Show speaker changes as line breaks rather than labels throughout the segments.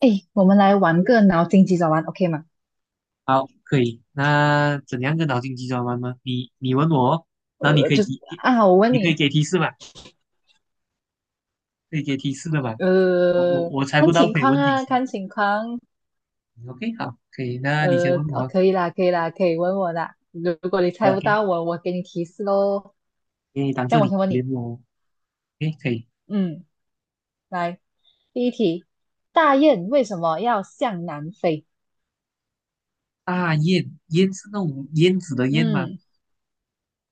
哎，我们来玩个脑筋急转弯，OK 吗？
好，可以。那怎样个脑筋急转弯吗？你问我哦，然后你可以
就是
提，
啊，我问
你可以
你，
给提示吧？可以给提示的吧？我我
呃，
我猜
看
不到，
情
可以
况
问提
啊，
示。
看情况，
OK，好，可以。那你先问我
哦
啊。
可以啦，可以啦，可以问我啦。如果你猜不
OK，
到我，我给你提示喽。
因为当
这
这
样我
里
先
可
问你，
怜我。OK，可以。
嗯，来，第一题，大雁为什么要向南飞？
大雁，雁是那种燕子的燕吗？
嗯。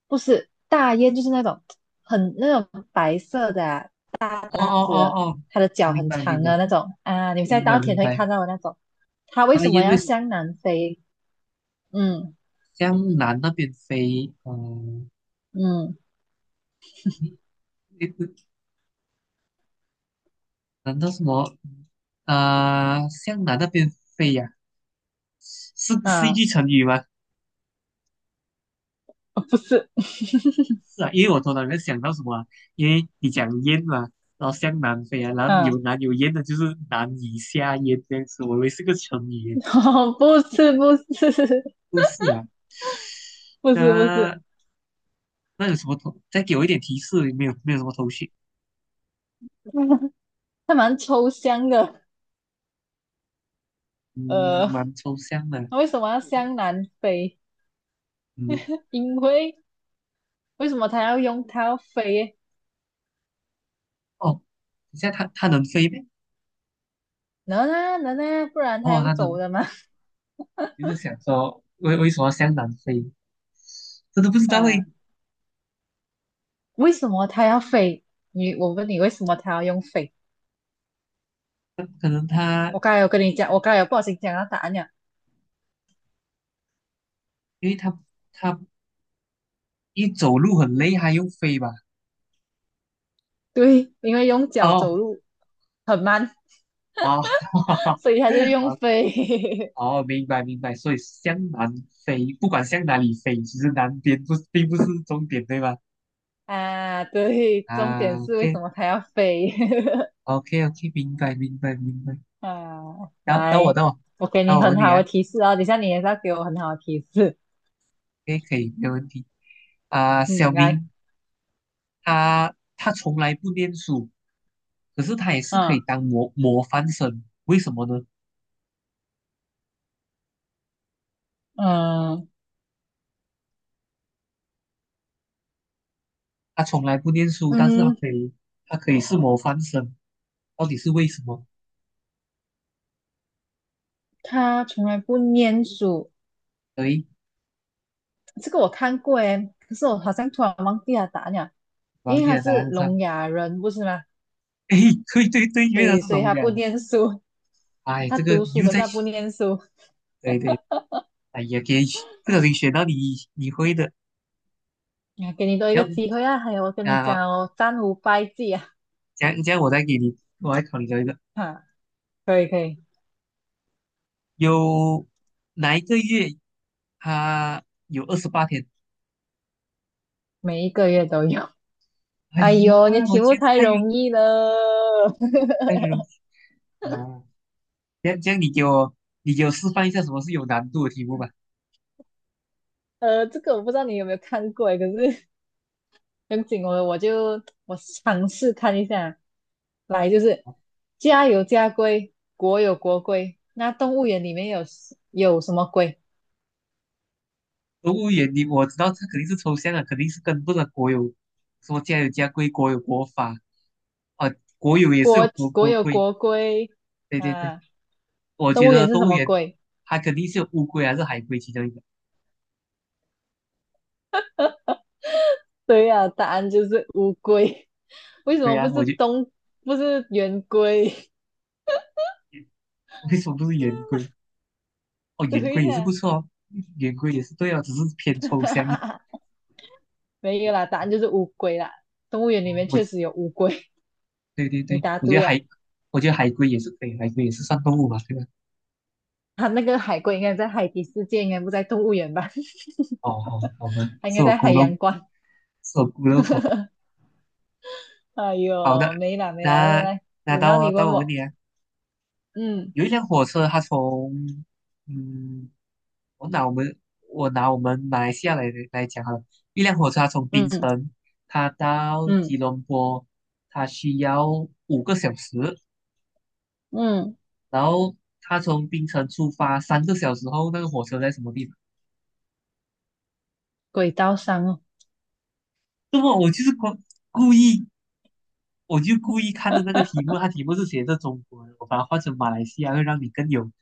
不是大雁，就是那种很那种白色的啊、大
哦
大
哦
只的
哦哦，
它的
我
脚
明
很
白明
长
白，
的那种啊，你们在
明白
稻田
明
会
白。
看到的那种。它为
大
什么
雁为
要向南飞？嗯
向南那边飞？嗯、
嗯
你你难道什么？向南那边飞呀、是一
啊，
句成语吗？
不是，
是啊，因为我头脑里面想到什么啊，因为你讲燕嘛，然后向南飞啊，然后有
嗯，
南有燕的，就是难以下咽这样子。我以为是个成语耶，
哦不是不是
不是啊。
不是不是，
那那有什么头？再给我一点提示，没有没有什么头绪。
它蛮抽象的。
嗯，
呃，
蛮抽象的。
它为什么要向南飞？
嗯，
因为为什么它要飞？
哦，等一下它能飞呗？
能啊能啊，不然它
哦，它
用走
能，
的吗？
就是想说为什么向南飞？真的不知 道诶。
嗯、为什么他要飞？我问你，为什么他要用飞？
可能它
我刚才有跟你讲，我刚才有不小心讲到答案了。
因为它一走路很累，还用飞吧？
对，因为用脚
哦
走路很慢，
哦，
所以他就用
哦
飞
哦，明白明白，所以向南飞，不管向哪里飞，其实南边不并不是终点，对吧？
啊。对，重
啊
点是为
，OK
什么他要飞
OK OK，明白明白明白。
啊？
到到我
来，
到我
我给
到
你
我
很
问你
好
啊
的提示哦，等一下你也是要给我很好的提示。
，OK 可以，没有问题啊。小
嗯，来，
明他从来不念书，可是他也是可以
嗯
当模范生，为什么呢？
嗯
他从来不念书，但是他
嗯，
可以他可以是模范生，到底是为什么？
他从来不念书，
对，
这个我看过诶，可是我好像突然忘记了答案了。因
王
为
姐
他
的答
是
案是，
聋哑人，不是吗？
哎，对对对，
所
原来
以
是
所以
龙
他
虾。
不念书，
哎，
他
这个
读书，
又
可是
在
他
学，
不念书。
对对，哎呀，给不小心学到你会的。
啊，给你多一个
要不
机会啊！还有，我跟你
啊，
讲哦，三五败绩啊！
这样这样，我再给你，我来考你这一个。
哈，可以可以，
有哪一个月它有28天？
每一个月都有。
哎
哎
呀，
呦，你
我
题
觉
目
得
太容易了。
太 容易了。这样这样，你给我示范一下什么是有难度的题目吧。
呃，这个我不知道你有没有看过诶，可是很紧我就尝试看一下。来，就是家有家规，国有国规，那动物园里面有有什么规？
动物园你我知道这肯定是抽象的，肯定是跟不上国有，什么家有家规，国有国法啊，国有也是有
国
国
国
国
有
规。
国规，
对对对。
啊，
我
动
觉
物园
得
是
动
什
物
么
园
龟？
它肯定是有乌龟还是海龟其中一个。
对呀、答案就是乌龟。
乌
为什
龟
么
啊，
不
我
是
就
东，不是圆规？
为什么不是圆龟？哦，圆
对
龟也是不
呀、
错哦，圆龟也是对哦，只是偏抽象一点。
没有啦，答案就是乌龟啦。动物园里面
哦，我
确实有乌龟，
对对
你
对，
答
我觉得
对呀。
海，我觉得海龟也是可以，海龟也是算动物吧，对吧？
它那个海龟应该在海底世界，应该不在动物园吧？
哦，好，好吧，
它应
是
该
我
在
孤
海
陋，
洋馆。
是我孤陋寡。
哎
好的，
呦，没啦没啦，来来
那
来，
那
轮
到
到
我
你
到
问
我问
我。
你啊。
嗯
有一辆火车，它从嗯，我拿我们我拿我们马来西亚来讲哈，一辆火车它从槟
嗯
城，它到吉
嗯
隆坡，它需要5个小时，
嗯，
然后它从槟城出发3个小时后，那个火车在什么地方？
轨道上哦。
那么我就是故故意我就故意看着那个题 目，它题目是写着中国的，我把它换成马来西亚，会让你更有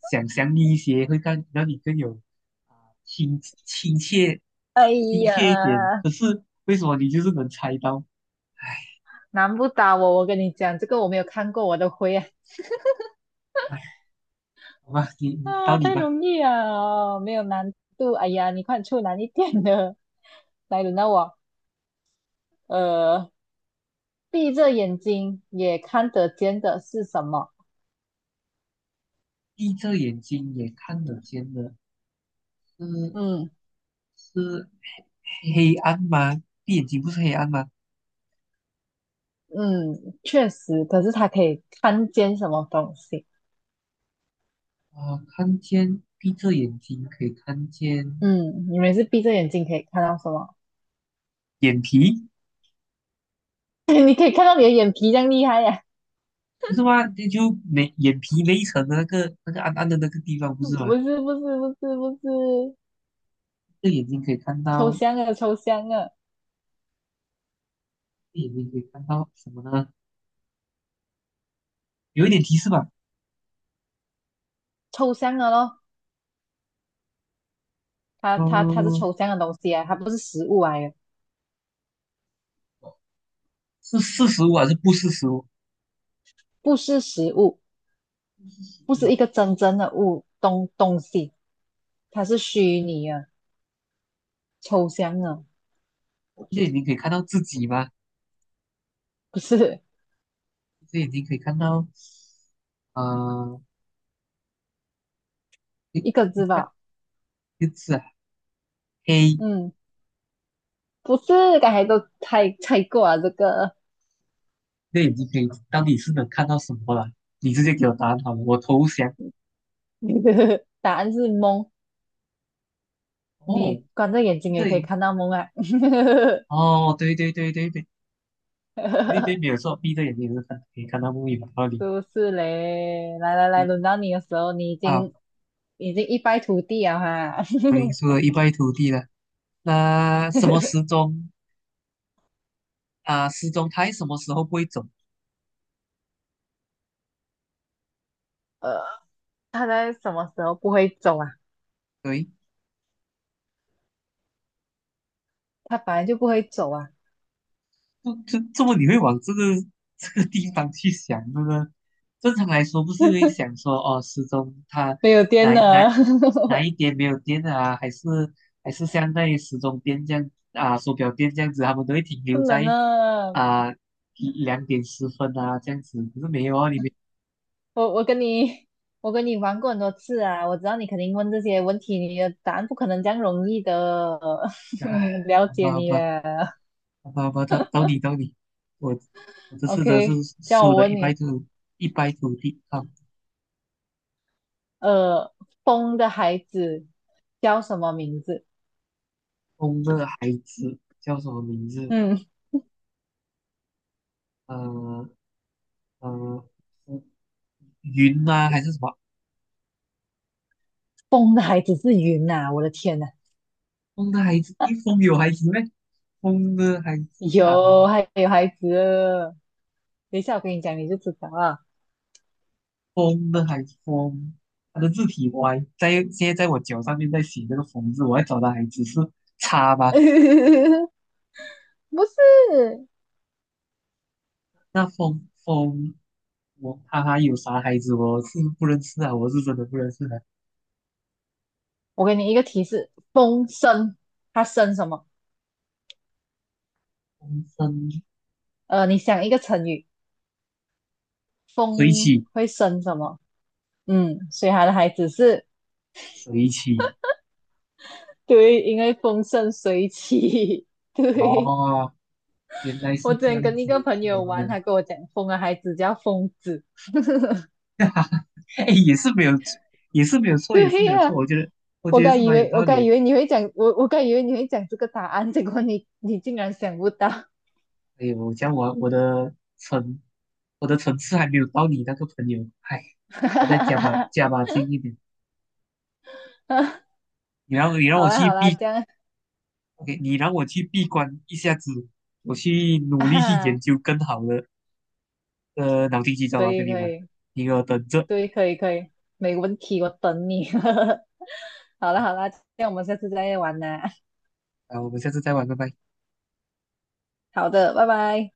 想象力一些，会更让你更有啊、亲亲切
哎
亲切一点。
呀。
可是为什么你就是能猜到？
难不倒我，我跟你讲，这个我没有看过，我都会啊，
哎，好吧，你到
啊，
你
太
吧。
容易啊，没有难度，哎呀，你快出难一点的，来轮到我，呃，闭着眼睛也看得见的是什么？
闭着眼睛也看得见的，是
嗯
是黑暗吗？闭眼睛不是黑暗吗？
嗯，确实，可是它可以看见什么东西？
啊、看见闭着眼睛可以看见
嗯，你们是闭着眼睛可以看到什么？
眼皮。
你可以看到你的眼皮这样厉害呀、
不是吗？那就没眼皮那一层的那个暗暗的那个地方，不是吗？
不是不是不是不是，
这眼睛可以看
抽
到，
象啊抽象啊
这眼睛可以看到什么呢？有一点提示吧？
抽象啊咯，它是
嗯，
抽象的东西啊，它不是实物来的，
是四十五还是不四十五？
不是实物，不是
哇，
一个真正的东西，它是虚拟的、抽象的，
这眼睛可以看到自己吗？
不是
这眼睛可以看到，呃，你
一个
你
字
看，
吧？
就是啊黑，
嗯，不是，刚才都猜过了这个
这眼睛可以到底是能看到什么了？你直接给我答案好了，我投降。
答案是梦，你
哦，
关着眼
闭
睛也
着眼
可以
睛，
看到梦啊，
哦，对对对对对对对，没有 错，闭着眼睛也是可以看到木马道理。
是不是嘞？来来来，轮到你的时候，你已
啊，
经已经一败涂地了哈。
我已经输得一败涂地了。那什么时 钟啊？时钟它什么时候不会走？
呃，他在什么时候不会走啊？
对，
他本来就不会走啊，
不，这么你会往这个地方去想，这个正常来说不是会想说哦，时钟它
没有电
哪哪
了，
哪 一点没有电啊？还是像那些时钟店这样啊，手表店这样子，他们都会停
不
留
能
在
了。
啊2:10啊这样子，可是没有啊，里面。
我我跟你玩过很多次啊，我知道你肯定问这些问题，你的答案不可能这样容易的，
唉，
嗯了
好
解
吧好
你
吧。
了。
好吧，好吧，到你，我我这次真的是
OK，叫
输
我
的
问
一败
你，
涂一败涂地啊！
呃，风的孩子叫什么名字？
风的孩子叫什么名字？
嗯，
呃呃，风云吗、还是什么？
风的孩子是云呐、我的天呐，
风的孩子，一风有孩子咩？风的孩子啊，
有还有孩子了等一下我跟你讲你就知道啊，
风的孩子，风，他的字体歪，在现在在我脚上面在写这个风字，我要找的孩子是叉吧？
不是。
那风，我哈哈有啥孩子我是不认识啊，我是真的不认识的、
我给你一个提示，风生，它生什么？
风筝
你想一个成语，
水
风
起，
会生什么？嗯，所以它的孩子是，
水起，
对，因为风生水起。对，
哦，原来
我
是
之
这
前
样
跟一个
子，
朋友
天
玩，
呐，
他跟我讲，风的孩子叫疯子。
哎，也是没有，也是没有错，也是
对
没有
呀、
错，我觉得，我
我
觉得
刚
是
以
蛮有
为
道理的。
你会讲，我刚以为你会讲这个答案，结果你竟然想不到。
哎呦，我的层，我的层次还没有到你那个朋友，哎，我再加把加 把劲一点，你让
好
我
啦
去
好啦，
闭
这样
，OK，你让我去闭关一下子，我去 努力去研
啊，
究更好的脑筋急转
可
弯跟
以
你
可
玩，
以。
你给我等着
对，可以可以，没问题，我等你。好了好了，这样我们下次再玩啦。
啊，我们下次再玩，拜拜。
好的，拜拜。